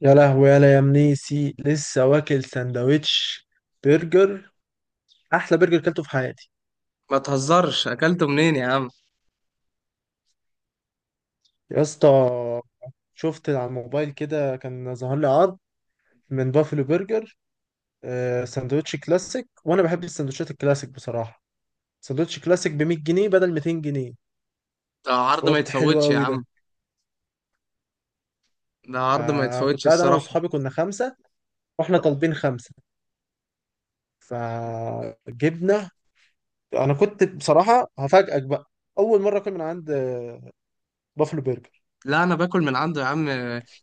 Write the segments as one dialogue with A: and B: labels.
A: يا لهوي، يا منيسي لسه واكل سندوتش برجر. احلى برجر كلته في حياتي.
B: ما تهزرش، اكلته منين يا عم؟
A: يا اسطى، شفت على الموبايل كده كان ظهر لي عرض من بافلو برجر. سندوتش كلاسيك وانا بحب السندوتشات الكلاسيك بصراحه. سندوتش كلاسيك ب 100 جنيه بدل 200 جنيه.
B: ده عرض ما
A: فقلت حلو
B: يتفوتش يا
A: قوي ده.
B: عم. ده عرض ما
A: فكنت
B: يتفوتش
A: قاعد انا
B: الصراحة.
A: واصحابي كنا خمسه واحنا طالبين خمسه فجبنا. انا كنت بصراحه هفاجئك بقى، اول مره اكل من عند بافلو برجر.
B: لا انا باكل من عنده يا عم،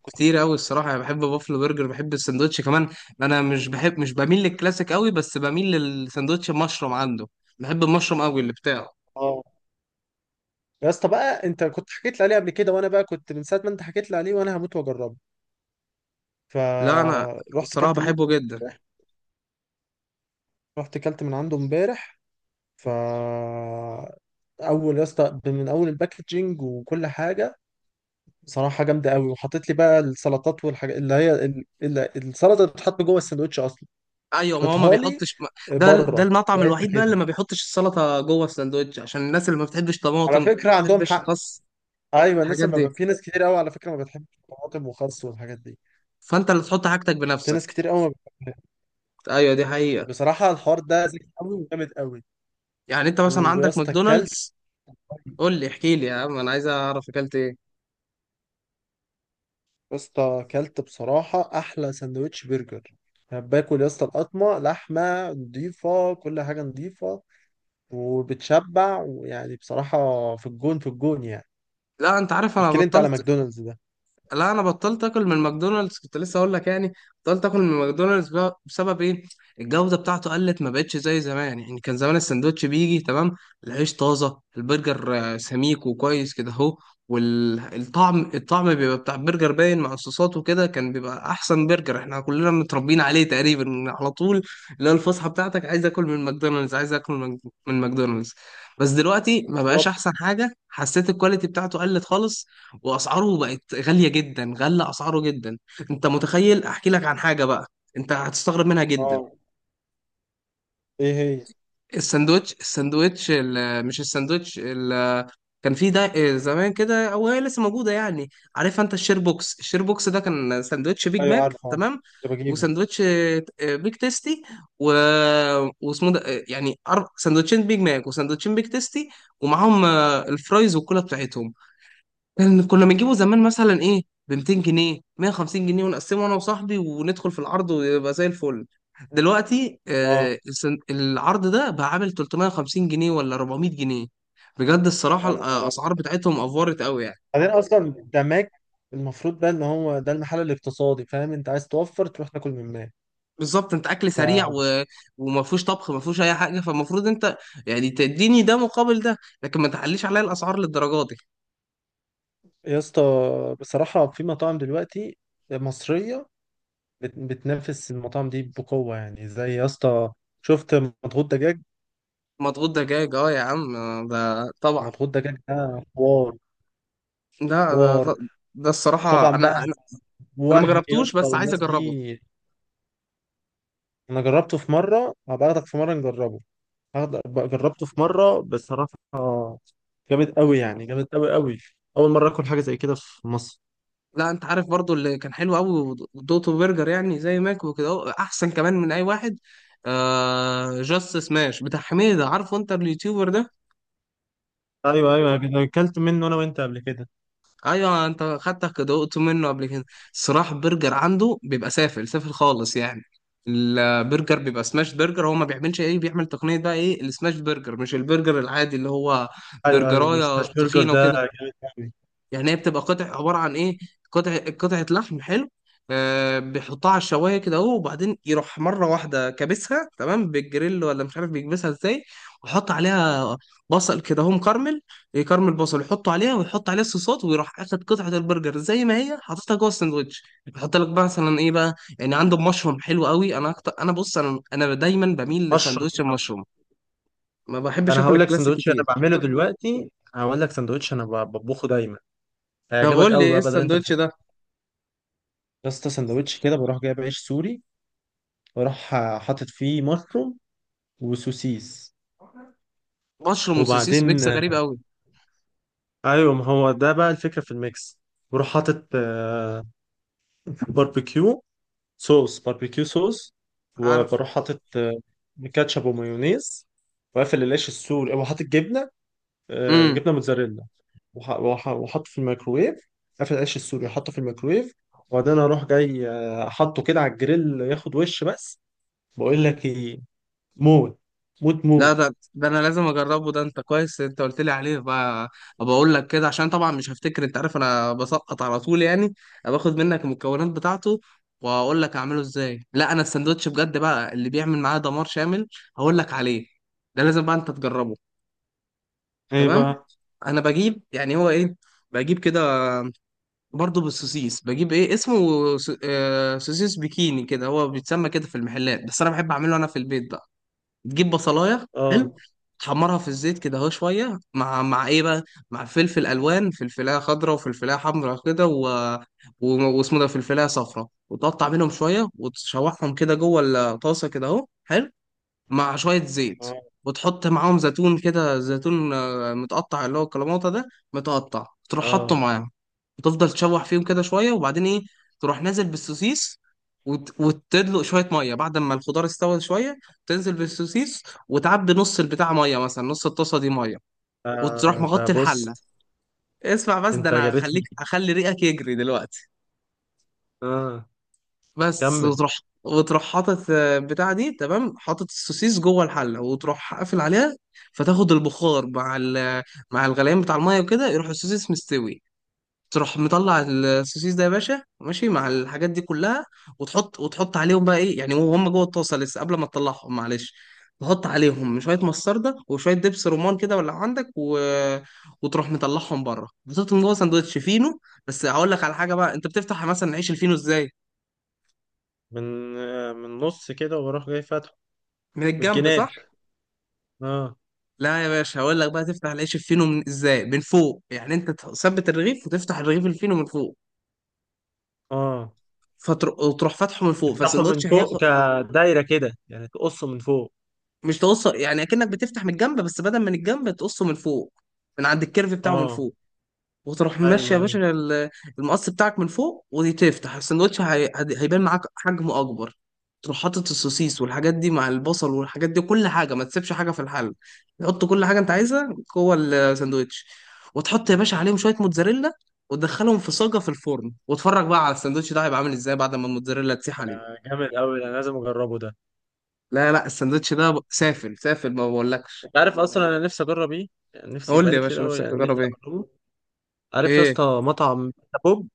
B: كتير قوي الصراحة. انا بحب بافلو برجر، بحب السندوتش كمان. انا مش بميل للكلاسيك قوي، بس بميل للسندوتش المشروم عنده. بحب المشروم قوي اللي بتاعه.
A: يا اسطى بقى، انت كنت حكيت لي عليه قبل كده، وانا بقى كنت من ساعه ما انت حكيت لي عليه وانا هموت واجربه.
B: لا انا
A: فروحت
B: الصراحة
A: كلت من
B: بحبه جدا.
A: رحت كلت من عنده امبارح. ف اول يا اسطى من اول الباكجينج وكل حاجه بصراحه جامده قوي. وحطيت لي بقى السلطات والحاجات اللي هي السلطه اللي بتتحط جوه السندوتش اصلا،
B: ايوه، ما هو ما
A: حطيتها لي
B: بيحطش ده
A: بره في
B: المطعم
A: علبة
B: الوحيد بقى اللي
A: كده.
B: ما بيحطش السلطة جوه السندوتش عشان الناس اللي ما بتحبش طماطم،
A: على
B: ما
A: فكره عندهم
B: بتحبش
A: حق.
B: خس،
A: ايوه، الناس
B: الحاجات
A: ما
B: دي.
A: ب... في ناس كتير قوي على فكره ما بتحبش الطماطم وخس والحاجات دي.
B: فانت اللي تحط حاجتك
A: في ناس
B: بنفسك.
A: كتير قوي ما بتحبش.
B: ايوه، دي حقيقة.
A: بصراحة الحوار ده ذكي قوي وجامد قوي.
B: يعني انت مثلا
A: ويا
B: عندك
A: اسطى كلت،
B: ماكدونالدز. قول لي، احكي لي يا عم، انا عايز اعرف اكلت ايه.
A: يا اسطى كلت بصراحة أحلى سندوتش برجر. أنا باكل يا اسطى القطمة، لحمة نضيفة، كل حاجة نضيفة وبتشبع ويعني بصراحة في الجون، في الجون يعني.
B: لا انت عارف، انا
A: احكي لي أنت على
B: بطلت.
A: ماكدونالدز ده.
B: لا انا بطلت اكل من ماكدونالدز، كنت لسه اقول لك يعني. بطلت اكل من ماكدونالدز بسبب ايه؟ الجوده بتاعته قلت، ما بقتش زي زمان يعني. كان زمان السندوتش بيجي تمام، العيش طازه، البرجر سميك وكويس كده اهو. والطعم، الطعم بيبقى بتاع البرجر باين مع الصوصات وكده. كان بيبقى احسن برجر، احنا كلنا متربيين عليه تقريبا على طول، اللي هو الفسحه بتاعتك، عايز اكل من ماكدونالدز، عايز اكل من ماكدونالدز. بس دلوقتي ما بقاش
A: بالظبط.
B: احسن حاجه، حسيت الكواليتي بتاعته قلت خالص. واسعاره بقت غاليه جدا، غلى اسعاره جدا. انت متخيل؟ احكي لك عن حاجه بقى، انت هتستغرب منها جدا.
A: اه. ايه هي؟
B: الساندوتش الساندوتش ال- آه، مش الساندوتش ال- آه، كان في ده زمان كده او هي لسه موجوده يعني؟ عارف انت الشير بوكس؟ الشير بوكس ده كان ساندوتش بيج
A: ايوه،
B: ماك،
A: عارفه، عارفه.
B: تمام،
A: كنت بجيبه.
B: وساندوتش بيج تيستي و... واسمه ده يعني ساندوتشين بيج ماك وساندوتشين بيج تيستي ومعاهم الفرايز والكولا بتاعتهم. كان كنا بنجيبه زمان مثلا ايه، ب 200 جنيه، 150 جنيه، ونقسمه انا وصاحبي وندخل في العرض ويبقى زي الفل. دلوقتي
A: اه.
B: العرض ده بقى عامل 350 جنيه ولا 400 جنيه. بجد الصراحة
A: يا نهار أبيض.
B: الأسعار بتاعتهم أفورت قوي يعني.
A: بعدين أصلا ده ماك، المفروض بقى إن هو ده المحل الاقتصادي، فاهم؟ أنت عايز توفر تروح تاكل من ماك.
B: بالظبط، انت اكل سريع
A: ف
B: وما فيهوش طبخ، ما فيهوش اي حاجه، فالمفروض انت يعني تديني ده مقابل ده، لكن ما تعليش عليا الاسعار للدرجه دي.
A: يا اسطى، بصراحة في مطاعم دلوقتي مصرية بتنافس المطاعم دي بقوة يعني. زي يا اسطى، شفت مضغوط دجاج؟
B: مضغوط دجاج، اه يا عم، ده طبعا.
A: مضغوط دجاج ده حوار،
B: ده ده،
A: حوار.
B: ده
A: طبعا
B: الصراحه انا
A: بقى،
B: انا أنا ما
A: وهم يا
B: جربتوش
A: اسطى
B: بس عايز
A: والناس
B: اجربه.
A: دي. انا جربته في مرة، هبقى اخدك في مرة نجربه. هاخد- جربته في مرة بصراحة، جامد قوي يعني، جامد قوي قوي. اول مرة اكل حاجة زي كده في مصر.
B: لا انت عارف برضو اللي كان حلو قوي، دوتو برجر، يعني زي ماك وكده اهو، احسن كمان من اي واحد. آه، جاست سماش بتاع حميدة، عارفه انت اليوتيوبر ده؟
A: ايوه، ايوه، انا اكلت منه انا وانت قبل كده.
B: ايوه انت خدتك دوقته منه قبل كده. صراحة برجر عنده بيبقى سافل، سافل خالص يعني. البرجر بيبقى سماش برجر. هو ما بيعملش ايه، بيعمل تقنية بقى ايه السماش برجر، مش البرجر العادي اللي هو
A: ايوه، ايوه،
B: برجراية
A: سماش برجر
B: تخينة
A: ده
B: وكده.
A: جامد قوي.
B: يعني هي بتبقى قطع، عباره عن ايه، قطع قطعه لحم حلو. آه، بيحطها على الشوايه كده اهو، وبعدين يروح مره واحده كابسها تمام بالجريل ولا مش عارف بيكبسها ازاي، ويحط عليها بصل كده اهو مكرمل، يكرمل بصل يحطه عليها، ويحط عليها الصوصات، ويروح اخد قطعه البرجر زي ما هي حاططها جوه الساندوتش. يحط لك بقى مثلا ايه بقى، يعني عنده مشروم حلو قوي، انا أكتر، انا بص، انا دايما بميل
A: مشروم.
B: لساندوتش المشروم، ما بحبش
A: انا
B: اكل
A: هقول لك
B: الكلاسيك
A: سندوتش انا
B: كتير.
A: بعمله دلوقتي، هقول لك سندوتش انا بطبخه دايما،
B: طب
A: هيعجبك
B: قول لي
A: قوي
B: ايه
A: بقى بدل انت
B: الساندوتش
A: بتحب.
B: ده؟
A: يا اسطى، سندوتش كده بروح جايب عيش سوري، بروح حاطط فيه مشروم وسوسيس.
B: مشروم وسوسيس،
A: وبعدين
B: ميكس غريب قوي.
A: ايوه ما هو ده بقى الفكره في الميكس. بروح حاطط باربيكيو، صوص باربيكيو صوص.
B: عارف،
A: وبروح حاطط كاتشب ومايونيز وقافل العيش السوري وحاطط جبنه،
B: امم،
A: جبنه موتزاريلا. وحطه في الميكروويف. قفل العيش السوري حطه في الميكروويف. وبعدين اروح جاي حطه كده على الجريل ياخد وش بس. بقول لك ايه. موت. موت،
B: لا
A: موت.
B: ده انا لازم اجربه، ده انت كويس انت قلت لي عليه بقى. ابقى اقول لك كده، عشان طبعا مش هفتكر، انت عارف انا بسقط على طول يعني. باخد منك المكونات بتاعته واقول لك اعمله ازاي. لا انا الساندوتش بجد بقى اللي بيعمل معاه دمار شامل، هقول لك عليه، ده لازم بقى انت تجربه.
A: ايه
B: تمام،
A: بقى؟
B: انا بجيب، يعني هو ايه، بجيب كده، برضه بالسوسيس، بجيب ايه اسمه، سوسيس بيكيني كده، هو بيتسمى كده في المحلات، بس انا بحب اعمله انا في البيت بقى. تجيب بصلايه حلو،
A: اه،
B: تحمرها في الزيت كده اهو شويه، مع مع ايه بقى، مع فلفل الوان، فلفلايه خضراء وفلفلايه حمراء كده واسمه ده فلفلايه صفراء، وتقطع منهم شويه وتشوحهم كده جوه الطاسه كده اهو حلو، مع شوية زيت.
A: اه،
B: وتحط معاهم زيتون كده، زيتون متقطع، اللي هو الكلاماطة ده، متقطع تروح حاطه
A: اه.
B: معاهم. وتفضل تشوح فيهم كده شوية، وبعدين ايه، تروح نازل بالسوسيس، وتدلق شوية مية بعد ما الخضار استوى شوية، تنزل بالسوسيس، وتعبي نص البتاع مية، مثلا نص الطاسة دي مية، وتروح
A: ده
B: مغطي
A: بص.
B: الحلة. اسمع بس، ده
A: انت
B: انا
A: جريتني.
B: هخليك، هخلي ريقك يجري دلوقتي.
A: اه.
B: بس
A: كمل.
B: وتروح حاطط بتاع دي تمام، حاطط السوسيس جوه الحله، وتروح قافل عليها. فتاخد البخار مع مع الغليان بتاع الميه وكده، يروح السوسيس مستوي. تروح مطلع السوسيس ده يا باشا ماشي مع الحاجات دي كلها، وتحط عليهم بقى ايه يعني، وهم جوه الطاسه لسه قبل ما تطلعهم، معلش، تحط عليهم شويه مستردة وشويه دبس رمان كده ولا عندك وتروح مطلعهم بره، بتحطهم جوه سندوتش فينو. بس هقول لك على حاجه بقى، انت بتفتح مثلا عيش الفينو ازاي؟
A: من نص كده واروح جاي فاتحه
B: من
A: من
B: الجنب،
A: الجناب.
B: صح؟
A: اه.
B: لا يا باشا، هقول لك بقى، تفتح العيش الفينو من ازاي، من فوق، يعني انت تثبت الرغيف وتفتح الرغيف الفينو من فوق.
A: اه.
B: وتروح فاتحه من فوق
A: افتحه
B: فالسندوتش
A: من
B: هياخد،
A: فوق، كدايره كده يعني تقصه من فوق.
B: مش تقص، يعني اكنك بتفتح من الجنب بس بدل من الجنب تقصه من فوق، من عند الكيرف بتاعه من
A: اه.
B: فوق. وتروح ماشي
A: ايوه،
B: يا
A: ايوه.
B: باشا، المقص بتاعك من فوق، وتفتح السندوتش، هيبان معاك حجمه اكبر. تروح حاطط السوسيس والحاجات دي مع البصل والحاجات دي، كل حاجه ما تسيبش حاجه في الحل، تحط كل حاجه انت عايزها جوه الساندوتش. وتحط يا باشا عليهم شويه موتزاريلا، وتدخلهم في صاجه في الفرن، واتفرج بقى على الساندوتش ده هيبقى عامل ازاي بعد ما الموتزاريلا تسيح عليه.
A: جامد قوي، انا لازم اجربه ده.
B: لا لا، الساندوتش ده سافل، سافل ما بقولكش.
A: انت عارف اصلا انا نفسي اجرب ايه؟ يعني نفسي
B: قول لي
A: بقالي
B: يا
A: كتير
B: باشا
A: قوي،
B: نفسك
A: يعني
B: تجرب
A: نفسي
B: ايه؟
A: اجربه. عارف يا
B: ايه؟
A: اسطى مطعم بيتزا بوب؟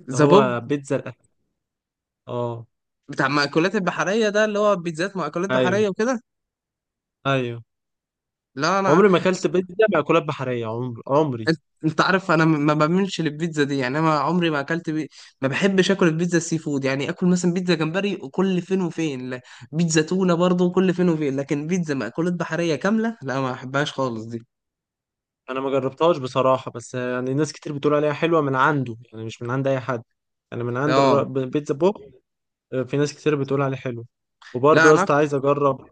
A: اللي
B: زبوب
A: هو بيتزا الاهلي. اه.
B: بتاع مأكولات البحريه ده، اللي هو بيتزات مأكولات
A: ايوه.
B: بحريه وكده؟
A: ايوه.
B: لا انا،
A: عمري ما اكلت بيتزا مأكولات بحريه، عمر عمري.
B: انت، أنت عارف انا ما بعملش للبيتزا دي يعني، انا عمري ما اكلت ما بحبش اكل البيتزا السي فود، يعني اكل مثلا بيتزا جمبري وكل فين وفين، لا، بيتزا تونه برضه كل فين وفين، لكن بيتزا مأكولات بحريه كامله لا، ما بحبهاش خالص دي.
A: انا ما جربتهاش بصراحه، بس يعني ناس كتير بتقول عليها حلوه من عنده، يعني مش من عند اي حد. يعني من عند
B: اه،
A: بيتزا بوب. في ناس كتير بتقول عليه حلو.
B: لا
A: وبرضه يا
B: انا
A: اسطى عايز اجرب.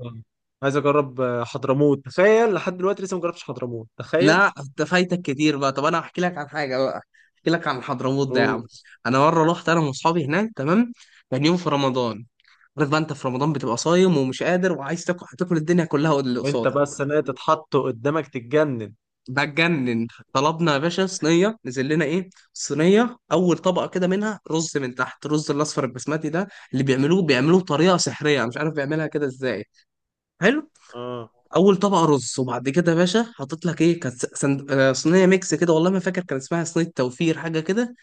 A: عايز اجرب حضرموت، تخيل. لحد دلوقتي لسه ما جربتش حضرموت، تخيل.
B: لا انت فايتك كتير بقى، طب انا هحكي لك عن حاجه بقى، احكي لك عن حضرموت ده يا عم. انا مره رحت انا واصحابي هناك، تمام، كان يوم في رمضان. عارف بقى انت في رمضان بتبقى صايم ومش قادر وعايز تاكل، هتاكل الدنيا كلها واللي
A: وانت
B: قصادك،
A: بقى السنه دي تتحطه قدامك تتجنن.
B: بتجنن. طلبنا يا باشا صينيه، نزل لنا ايه، صينيه، اول طبقه كده منها رز من تحت، الرز الاصفر البسمتي ده اللي بيعملوه، بيعملوه بطريقه سحريه، أنا مش عارف بيعملها كده ازاي، حلو.
A: اه.
B: اول طبقه رز، وبعد كده يا باشا حاطط لك ايه، كانت سند... آه، صينيه ميكس كده، والله ما فاكر كان اسمها صينيه توفير حاجه كده.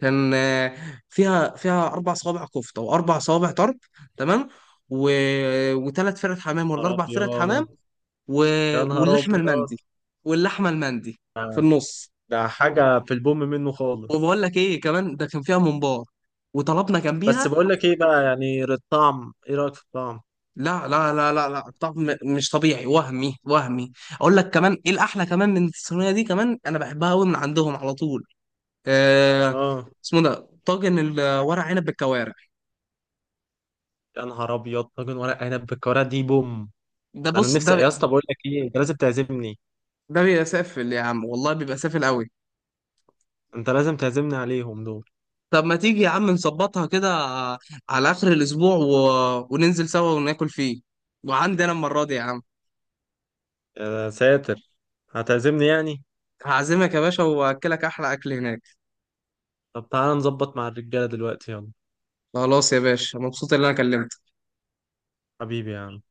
B: كان فيها اربع صوابع كفته واربع صوابع طرب، تمام، و... وثلاث فرق حمام
A: نهار
B: ولا اربع
A: ابيض.
B: فرق حمام، و...
A: يا نهار
B: واللحمه
A: ابيض.
B: المندي، واللحمه المندي في النص.
A: ده حاجه في البوم منه
B: وبقول
A: خالص.
B: لك ايه كمان، ده كان فيها ممبار، وطلبنا
A: بس
B: جنبيها.
A: بقول لك ايه بقى، يعني الطعم، ايه رايك في الطعم؟
B: لا، طعم مش طبيعي، وهمي، وهمي. اقول لك كمان ايه الاحلى كمان من الصينيه دي كمان، انا بحبها قوي من عندهم على طول، آه،
A: اه،
B: اسمه ده طاجن الورق عنب بالكوارع.
A: يا نهار ابيض، طاجن ورق عنب بالكوارع دي بوم.
B: ده
A: ده انا
B: بص،
A: نفسي يا اسطى. بقول لك ايه، انت لازم تعزمني،
B: ده بيبقى سافل يا عم، والله بيبقى سافل قوي.
A: انت لازم تعزمني عليهم دول.
B: طب ما تيجي يا عم نظبطها كده، على اخر الاسبوع وننزل سوا وناكل فيه، وعندي انا المره دي يا عم.
A: يا ساتر، هتعزمني يعني؟
B: هعزمك يا باشا واكلك احلى اكل هناك.
A: طب تعالى نظبط مع الرجاله دلوقتي، يلا.
B: خلاص يا باشا، مبسوط ان انا كلمتك.
A: حبيبي يا عم.